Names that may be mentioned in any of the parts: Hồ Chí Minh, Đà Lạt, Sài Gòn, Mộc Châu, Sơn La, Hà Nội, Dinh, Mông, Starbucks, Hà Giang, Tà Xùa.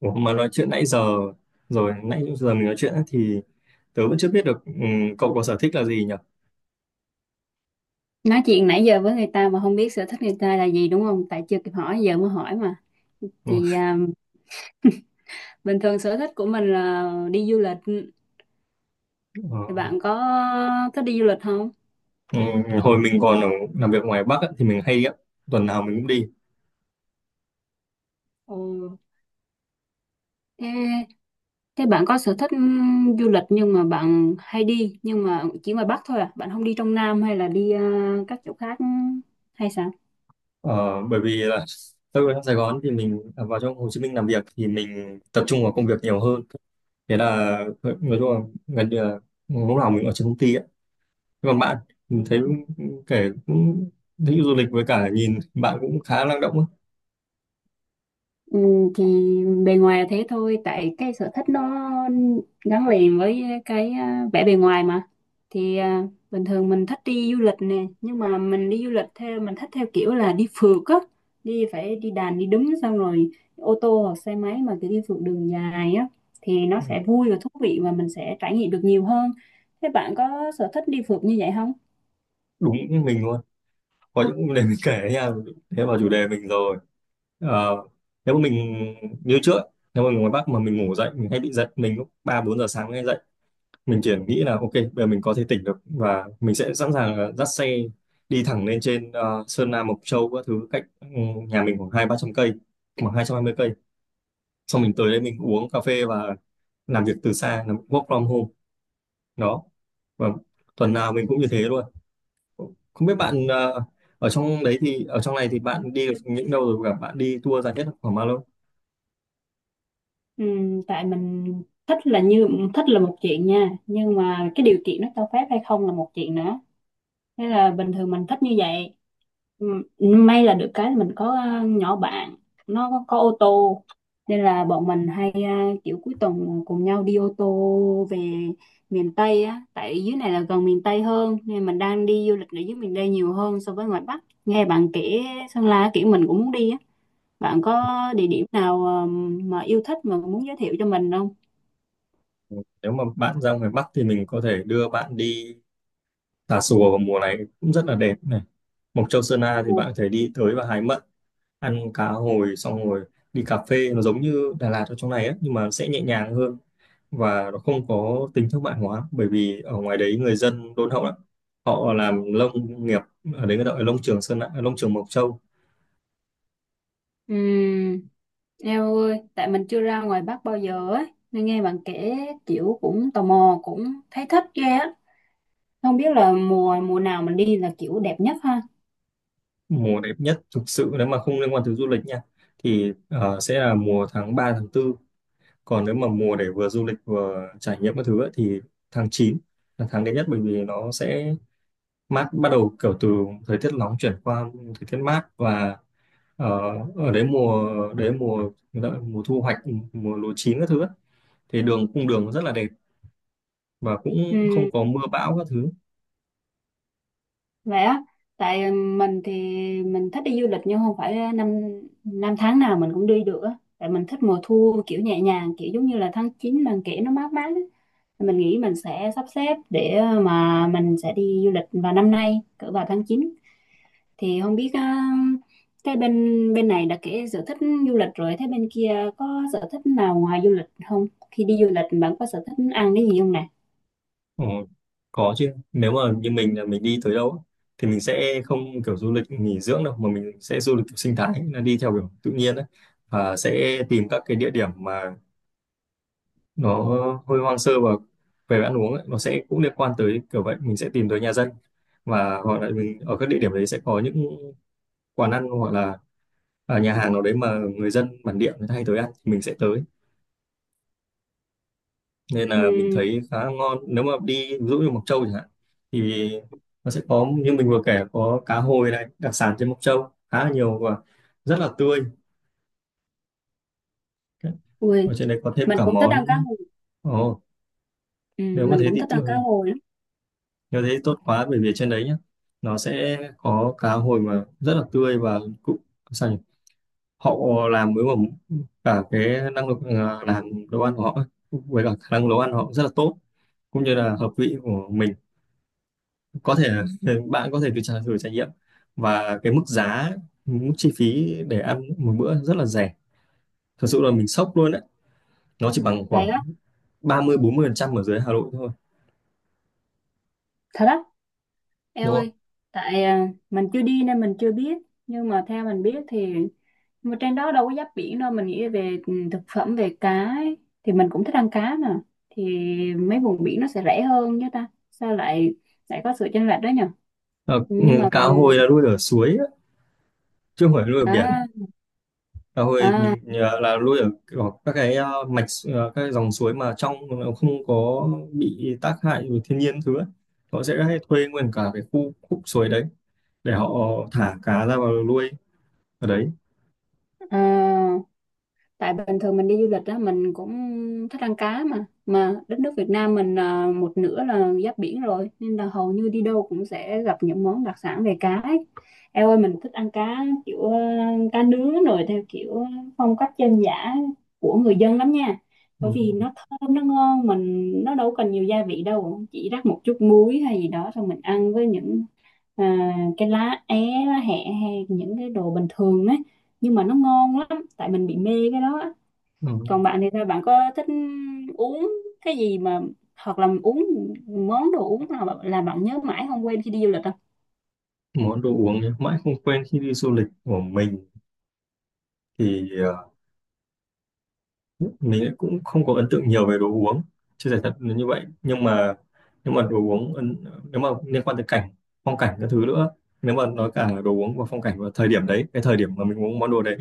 Ủa, mà nói chuyện nãy giờ rồi nãy giờ mình nói chuyện á, thì tớ vẫn chưa biết được cậu có sở thích là gì nhỉ? Nói chuyện nãy giờ với người ta mà không biết sở thích người ta là gì, đúng không? Tại chưa kịp hỏi, giờ mới hỏi mà. Ừ. Thì bình thường sở thích của mình là đi du lịch. ờ, Thì bạn có thích đi du lịch không? Hồi mình còn ở, làm việc ngoài Bắc á, thì mình hay đi á, tuần nào mình cũng đi. Ồ, thế thế bạn có sở thích du lịch, nhưng mà bạn hay đi nhưng mà chỉ ngoài Bắc thôi à? Bạn không đi trong Nam hay là đi các chỗ khác hay sao? Ờ, bởi vì là tớ ở trong Sài Gòn thì mình vào trong Hồ Chí Minh làm việc thì mình tập trung vào công việc nhiều hơn. Thế là nói chung là gần như là lúc nào mình ở trên công ty á. Thế còn bạn, mình thấy kể cũng thích du lịch với cả nhìn bạn cũng khá năng động á. Ừ, thì bề ngoài là thế thôi, tại cái sở thích nó gắn liền với cái vẻ bề ngoài mà. Thì bình thường mình thích đi du lịch nè, nhưng mà mình đi du lịch theo mình thích, theo kiểu là đi phượt á, đi phải đi đàn đi đứng, xong rồi ô tô hoặc xe máy mà cứ đi phượt đường dài á, thì nó Ừ, sẽ vui và thú vị và mình sẽ trải nghiệm được nhiều hơn. Thế bạn có sở thích đi phượt như vậy không? đúng như mình luôn. Có những để mình kể nha, thế vào chủ đề mình rồi. Ờ, nếu mà mình như trước, nếu mà mình ngoài Bắc mà mình ngủ dậy mình hay bị giật mình lúc 3, 4 giờ sáng hay dậy, mình chỉ nghĩ là ok bây giờ mình có thể tỉnh được và mình sẽ sẵn sàng là dắt xe đi thẳng lên trên Sơn La Mộc Châu các thứ, cách nhà mình khoảng 2, 3 trăm cây, khoảng 220 cây. Xong mình tới đây mình uống cà phê và làm việc từ xa, làm work from home đó, và tuần nào mình cũng như thế luôn. Không biết bạn ở trong đấy thì ở trong này thì bạn đi được những đâu rồi và bạn đi tour dài nhất là khoảng bao lâu? Ừ, tại mình thích là như thích là một chuyện nha, nhưng mà cái điều kiện nó cho phép hay không là một chuyện nữa. Thế là bình thường mình thích như vậy. Ừ, may là được cái là mình có nhỏ bạn, nó có ô tô, nên là bọn mình hay kiểu cuối tuần cùng nhau đi ô tô về miền Tây á, tại dưới này là gần miền Tây hơn, nên mình đang đi du lịch ở dưới miền Tây nhiều hơn. So với ngoài Bắc nghe bạn kể Sơn La, kiểu mình cũng muốn đi á. Bạn có địa điểm nào mà yêu thích mà muốn giới thiệu cho mình không? Ừ, nếu mà bạn ra ngoài Bắc thì mình có thể đưa bạn đi Tà Xùa, vào mùa này cũng rất là đẹp này. Mộc Châu Sơn La thì Ừ. bạn có thể đi tới và hái mận, ăn cá hồi, xong rồi đi cà phê, nó giống như Đà Lạt ở trong này ấy, nhưng mà sẽ nhẹ nhàng hơn và nó không có tính thương mại hóa, bởi vì ở ngoài đấy người dân đôn hậu lắm. Họ làm lông nghiệp, ở đấy người ta gọi là lông trường Sơn La, lông trường Mộc Châu. Ừ, eo ơi, tại mình chưa ra ngoài Bắc bao giờ ấy, nên nghe bạn kể kiểu cũng tò mò, cũng thấy thích ghê á. Không biết là mùa mùa nào mình đi là kiểu đẹp nhất ha. Mùa đẹp nhất thực sự nếu mà không liên quan tới du lịch nha, thì sẽ là mùa tháng 3 tháng 4. Còn nếu mà mùa để vừa du lịch vừa trải nghiệm các thứ ấy, thì tháng 9 là tháng đẹp nhất, bởi vì nó sẽ mát, bắt đầu kiểu từ thời tiết nóng chuyển qua thời tiết mát, và ờ, ở đấy mùa gọi là mùa thu hoạch, mùa lúa chín các thứ ấy, thì đường, cung đường rất là đẹp và cũng không Ừ, có mưa bão các thứ. vậy á, tại mình thì mình thích đi du lịch nhưng không phải năm năm tháng nào mình cũng đi được á. Tại mình thích mùa thu kiểu nhẹ nhàng, kiểu giống như là tháng 9 bạn kể nó mát mát á. Mình nghĩ mình sẽ sắp xếp để mà mình sẽ đi du lịch vào năm nay, cỡ vào tháng 9. Thì không biết á, cái bên bên này đã kể sở thích du lịch rồi, thế bên kia có sở thích nào ngoài du lịch không? Khi đi du lịch bạn có sở thích ăn cái gì không nè? Ờ, có chứ, nếu mà như mình là mình đi tới đâu á, thì mình sẽ không kiểu du lịch nghỉ dưỡng đâu mà mình sẽ du lịch kiểu sinh thái, là đi theo kiểu tự nhiên đấy, và sẽ tìm các cái địa điểm mà nó hơi hoang sơ. Và về ăn uống ấy, nó sẽ cũng liên quan tới kiểu vậy, mình sẽ tìm tới nhà dân, và hoặc là mình ở các địa điểm đấy sẽ có những quán ăn hoặc là nhà hàng nào đấy mà người dân bản địa người ta hay tới ăn thì mình sẽ tới. Nên là Ừ. mình thấy khá ngon, nếu mà đi ví dụ như Mộc Châu chẳng hạn, thì nó sẽ có như mình vừa kể, có cá hồi này, đặc sản trên Mộc Châu khá là nhiều và rất là tươi. Ui, Ở trên đấy có thêm mình cả cũng thích ăn cá món, hồi. ồ, Ừ, nếu mà mình thế cũng thì thích ăn cá hồi lắm. nếu thế thì tốt quá, bởi vì trên đấy nhá, nó sẽ có cá hồi mà rất là tươi và cũng, sao nhỉ, họ làm với mà cả cái năng lực làm đồ ăn của họ ấy, với cả khả năng nấu ăn của họ rất là tốt, cũng như là hợp vị của mình. Có thể là bạn có thể thử trải nghiệm. Và cái mức giá, mức chi phí để ăn một bữa rất là rẻ, thật sự là mình sốc luôn đấy, nó chỉ bằng Vậy khoảng á. 30-40% ở dưới Hà Nội thôi, Thật á. Eo đúng không? ơi, tại mình chưa đi nên mình chưa biết, nhưng mà theo mình biết thì mà trên đó đâu có giáp biển đâu, mình nghĩ về thực phẩm về cá ấy. Thì mình cũng thích ăn cá mà, thì mấy vùng biển nó sẽ rẻ hơn chứ ta, sao lại lại có sự chênh lệch đó nhỉ? Ờ, ừ, Nhưng mà cá ừ, hồi là nuôi ở suối á, chứ không phải nuôi ở biển. à, Cá hồi à, mình là nuôi ở kiểu các cái mạch, các cái dòng suối mà trong nó không có bị tác hại của thiên nhiên thứ ấy. Họ sẽ hay thuê nguyên cả cái khu khúc suối đấy để họ thả cá ra vào nuôi ở đấy. à, tại bình thường mình đi du lịch đó, mình cũng thích ăn cá mà đất nước Việt Nam mình một nửa là giáp biển rồi nên là hầu như đi đâu cũng sẽ gặp những món đặc sản về cá ấy. Eo ơi, mình thích ăn cá kiểu cá nướng rồi theo kiểu phong cách dân dã của người dân lắm nha. Bởi vì Ừ. nó thơm, nó ngon, mình nó đâu cần nhiều gia vị đâu, chỉ rắc một chút muối hay gì đó xong mình ăn với những à, cái lá é, lá hẹ hay những cái đồ bình thường á, nhưng mà nó ngon lắm, tại mình bị mê cái đó á. Ừ. Còn bạn thì sao, bạn có thích uống cái gì mà hoặc là uống món đồ uống nào mà là bạn nhớ mãi không quên khi đi du lịch không? Món đồ uống nhá, mãi không quên khi đi du lịch của mình thì mình lại cũng không có ấn tượng nhiều về đồ uống, chưa giải thật là như vậy. Nhưng mà, nhưng mà đồ uống ấn, nếu mà liên quan tới cảnh, phong cảnh các thứ nữa, nếu mà nói cả đồ uống và phong cảnh và thời điểm đấy, cái thời điểm mà mình uống món đồ đấy,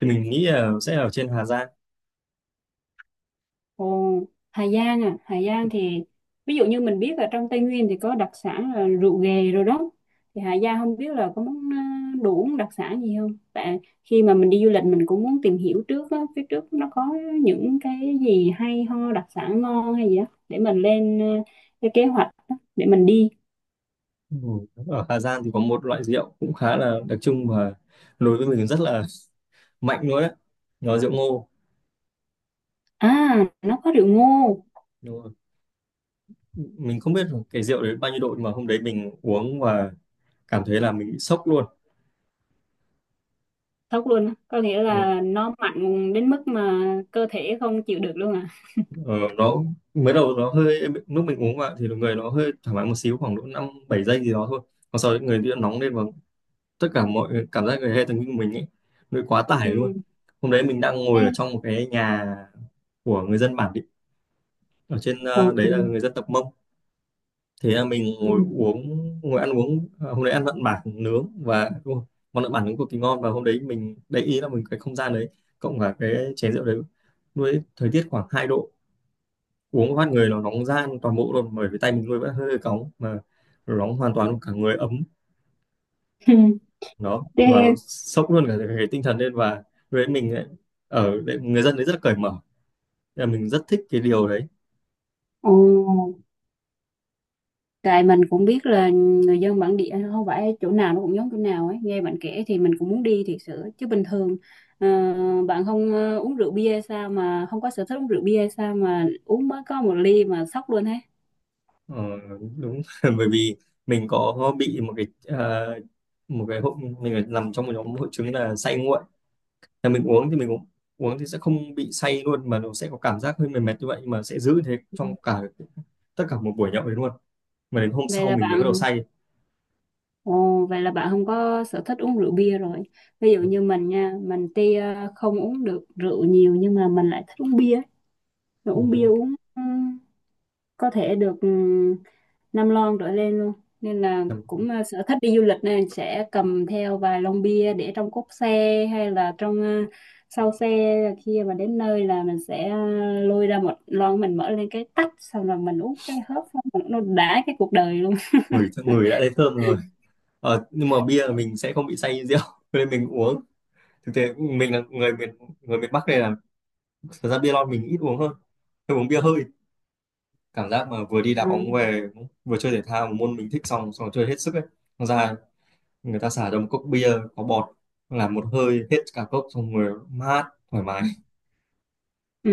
thì mình nghĩ là sẽ ở trên Hà Giang. Ồ, Hà Giang à? Hà Giang thì ví dụ như mình biết là trong Tây Nguyên thì có đặc sản là rượu ghề rồi đó. Thì Hà Giang không biết là có món đồ uống đặc sản gì không, tại khi mà mình đi du lịch mình cũng muốn tìm hiểu trước á, phía trước nó có những cái gì hay ho đặc sản ngon hay gì đó để mình lên cái kế hoạch á, để mình đi. Ừ, ở Hà Giang thì có một loại rượu cũng khá là đặc trưng và đối với mình rất là mạnh luôn đấy, nó rượu ngô. À, nó có rượu ngô. Đúng rồi. Mình không biết là cái rượu đấy bao nhiêu độ, nhưng mà hôm đấy mình uống và cảm thấy là mình bị sốc luôn. Thật luôn á? Có nghĩa nó, là nó mạnh đến mức mà cơ thể không chịu được luôn à? ờ, nó mới đầu nó hơi, lúc mình uống vào thì người nó hơi thoải mái một xíu, khoảng độ 5, 7 giây gì đó thôi, còn sau đấy người bị nóng lên và tất cả mọi cảm giác, người, hệ thần kinh của mình ấy, nó bị quá Ừ. tải luôn. Hôm đấy mình đang Thế, ngồi ở trong một cái nhà của người dân bản địa, ở trên ồ, đấy là người dân tộc Mông. Thế là mình ừ. ngồi uống, ngồi ăn uống, hôm đấy ăn mặn bản nướng, và ui, món lợn bản nướng cực kỳ ngon, và hôm đấy mình để ý là mình cái không gian đấy cộng cả cái chén rượu đấy, lúc đấy thời tiết khoảng 2 độ, uống phát người nó nóng ran toàn bộ luôn, bởi vì tay mình nuôi vẫn hơi cóng mà, nó nóng hoàn toàn cả người ấm đó, và nó Thế, sốc luôn cả cái tinh thần lên. Và với mình ấy, ở đấy, người dân đấy rất cởi mở, thế là mình rất thích cái điều đấy. ồ, tại mình cũng biết là người dân bản địa không phải chỗ nào nó cũng giống chỗ nào ấy. Nghe bạn kể thì mình cũng muốn đi thiệt sự. Chứ bình thường ờ, bạn không uống rượu bia hay sao mà không có sở thích uống rượu bia hay sao mà uống mới có một ly mà sốc luôn hết. Ờ, đúng. Bởi vì mình có bị một cái, à, hội, mình nằm trong một nhóm hội chứng là say nguội, là mình uống thì mình uống, uống thì sẽ không bị say luôn, mà nó sẽ có cảm giác hơi mệt mệt như vậy mà sẽ giữ thế Ừ. trong cả, tất cả một buổi nhậu đấy luôn, mà đến hôm Vậy sau là mình mới bắt đầu bạn say. Ồ, vậy là bạn không có sở thích uống rượu bia rồi. Ví dụ như mình nha, mình tuy không uống được rượu nhiều, nhưng mà mình lại thích uống bia. Mà uống bia, Ừ. uống có thể được 5 lon trở lên luôn. Nên là Em cũng sở thích đi du lịch nên sẽ cầm theo vài lon bia để trong cốp xe hay là sau xe. Khi mà đến nơi là mình sẽ lôi ra một lon, mình mở lên cái tách, xong rồi mình uống cái hớp xong rồi nó đã cái cuộc đời luôn. ngửi ngửi đã thấy thơm rồi. Ờ, nhưng mà bia là mình sẽ không bị say như rượu nên mình uống, thực tế mình là người miền Bắc này là, thật ra bia lon mình ít uống hơn, tôi uống bia hơi, cảm giác mà vừa đi đá bóng về, vừa chơi thể thao một môn mình thích xong, xong chơi hết sức ấy, xong ra người ta xả cho một cốc bia có bọt, làm một hơi hết cả cốc, xong người mát, thoải mái. Ừ,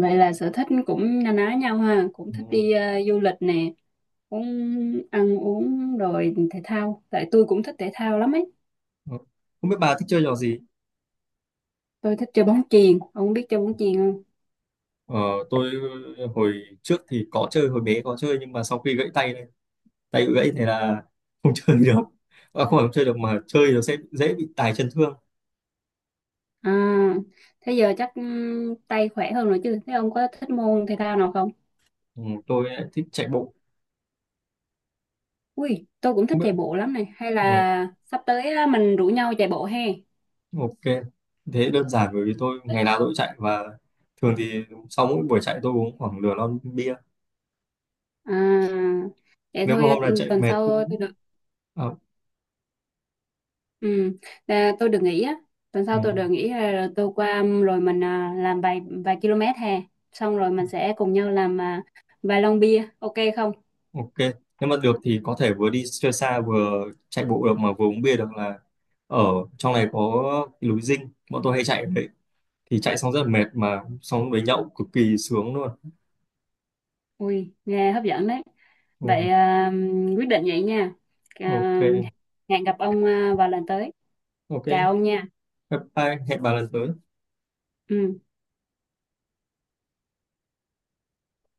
vậy là sở thích cũng na ná nhau ha, cũng thích Ừ. đi du lịch nè, cũng ăn uống rồi thể thao. Tại tôi cũng thích thể thao lắm ấy. Không biết bà thích chơi trò gì? Tôi thích chơi bóng chuyền, ông biết chơi bóng chuyền không? ờ, tôi hồi trước thì có chơi, hồi bé có chơi nhưng mà sau khi gãy tay, tay bị gãy thì là không chơi được, à, không phải không chơi được mà chơi nó sẽ dễ bị tài chân thương. À, thế giờ chắc tay khỏe hơn rồi chứ. Thế ông có thích môn thể thao nào không? Ừ, tôi lại thích chạy bộ. Ui, tôi cũng Không thích biết, chạy bộ lắm này. Hay ừ, là sắp tới á, mình rủ nhau chạy bộ he? ok, thế đơn giản bởi vì tôi ngày nào tôi cũng chạy, và thường thì sau mỗi buổi chạy tôi uống khoảng nửa lon bia. À, vậy Nếu mà thôi. hôm nào Ừ, chạy Tuần mệt sau cũng, tôi. à, Ừ, tôi được nghỉ á, tuần sau ừ, tôi được nghỉ tôi qua, rồi mình làm vài vài km hè, xong rồi mình sẽ cùng nhau làm vài lon bia, ok không? ok, nếu mà được thì có thể vừa đi chơi xa vừa chạy bộ được mà vừa uống bia được, là ở trong này có cái núi Dinh bọn tôi hay chạy ở đấy, thì chạy xong rất là mệt mà xong đấy nhậu cực kỳ sướng luôn. Ui, nghe hấp dẫn đấy. Ừ. Vậy quyết định vậy nha. À, Ok. hẹn gặp ông vào lần tới. Ok, Chào ông nha. bye bye, hẹn bà lần tới. Ừ.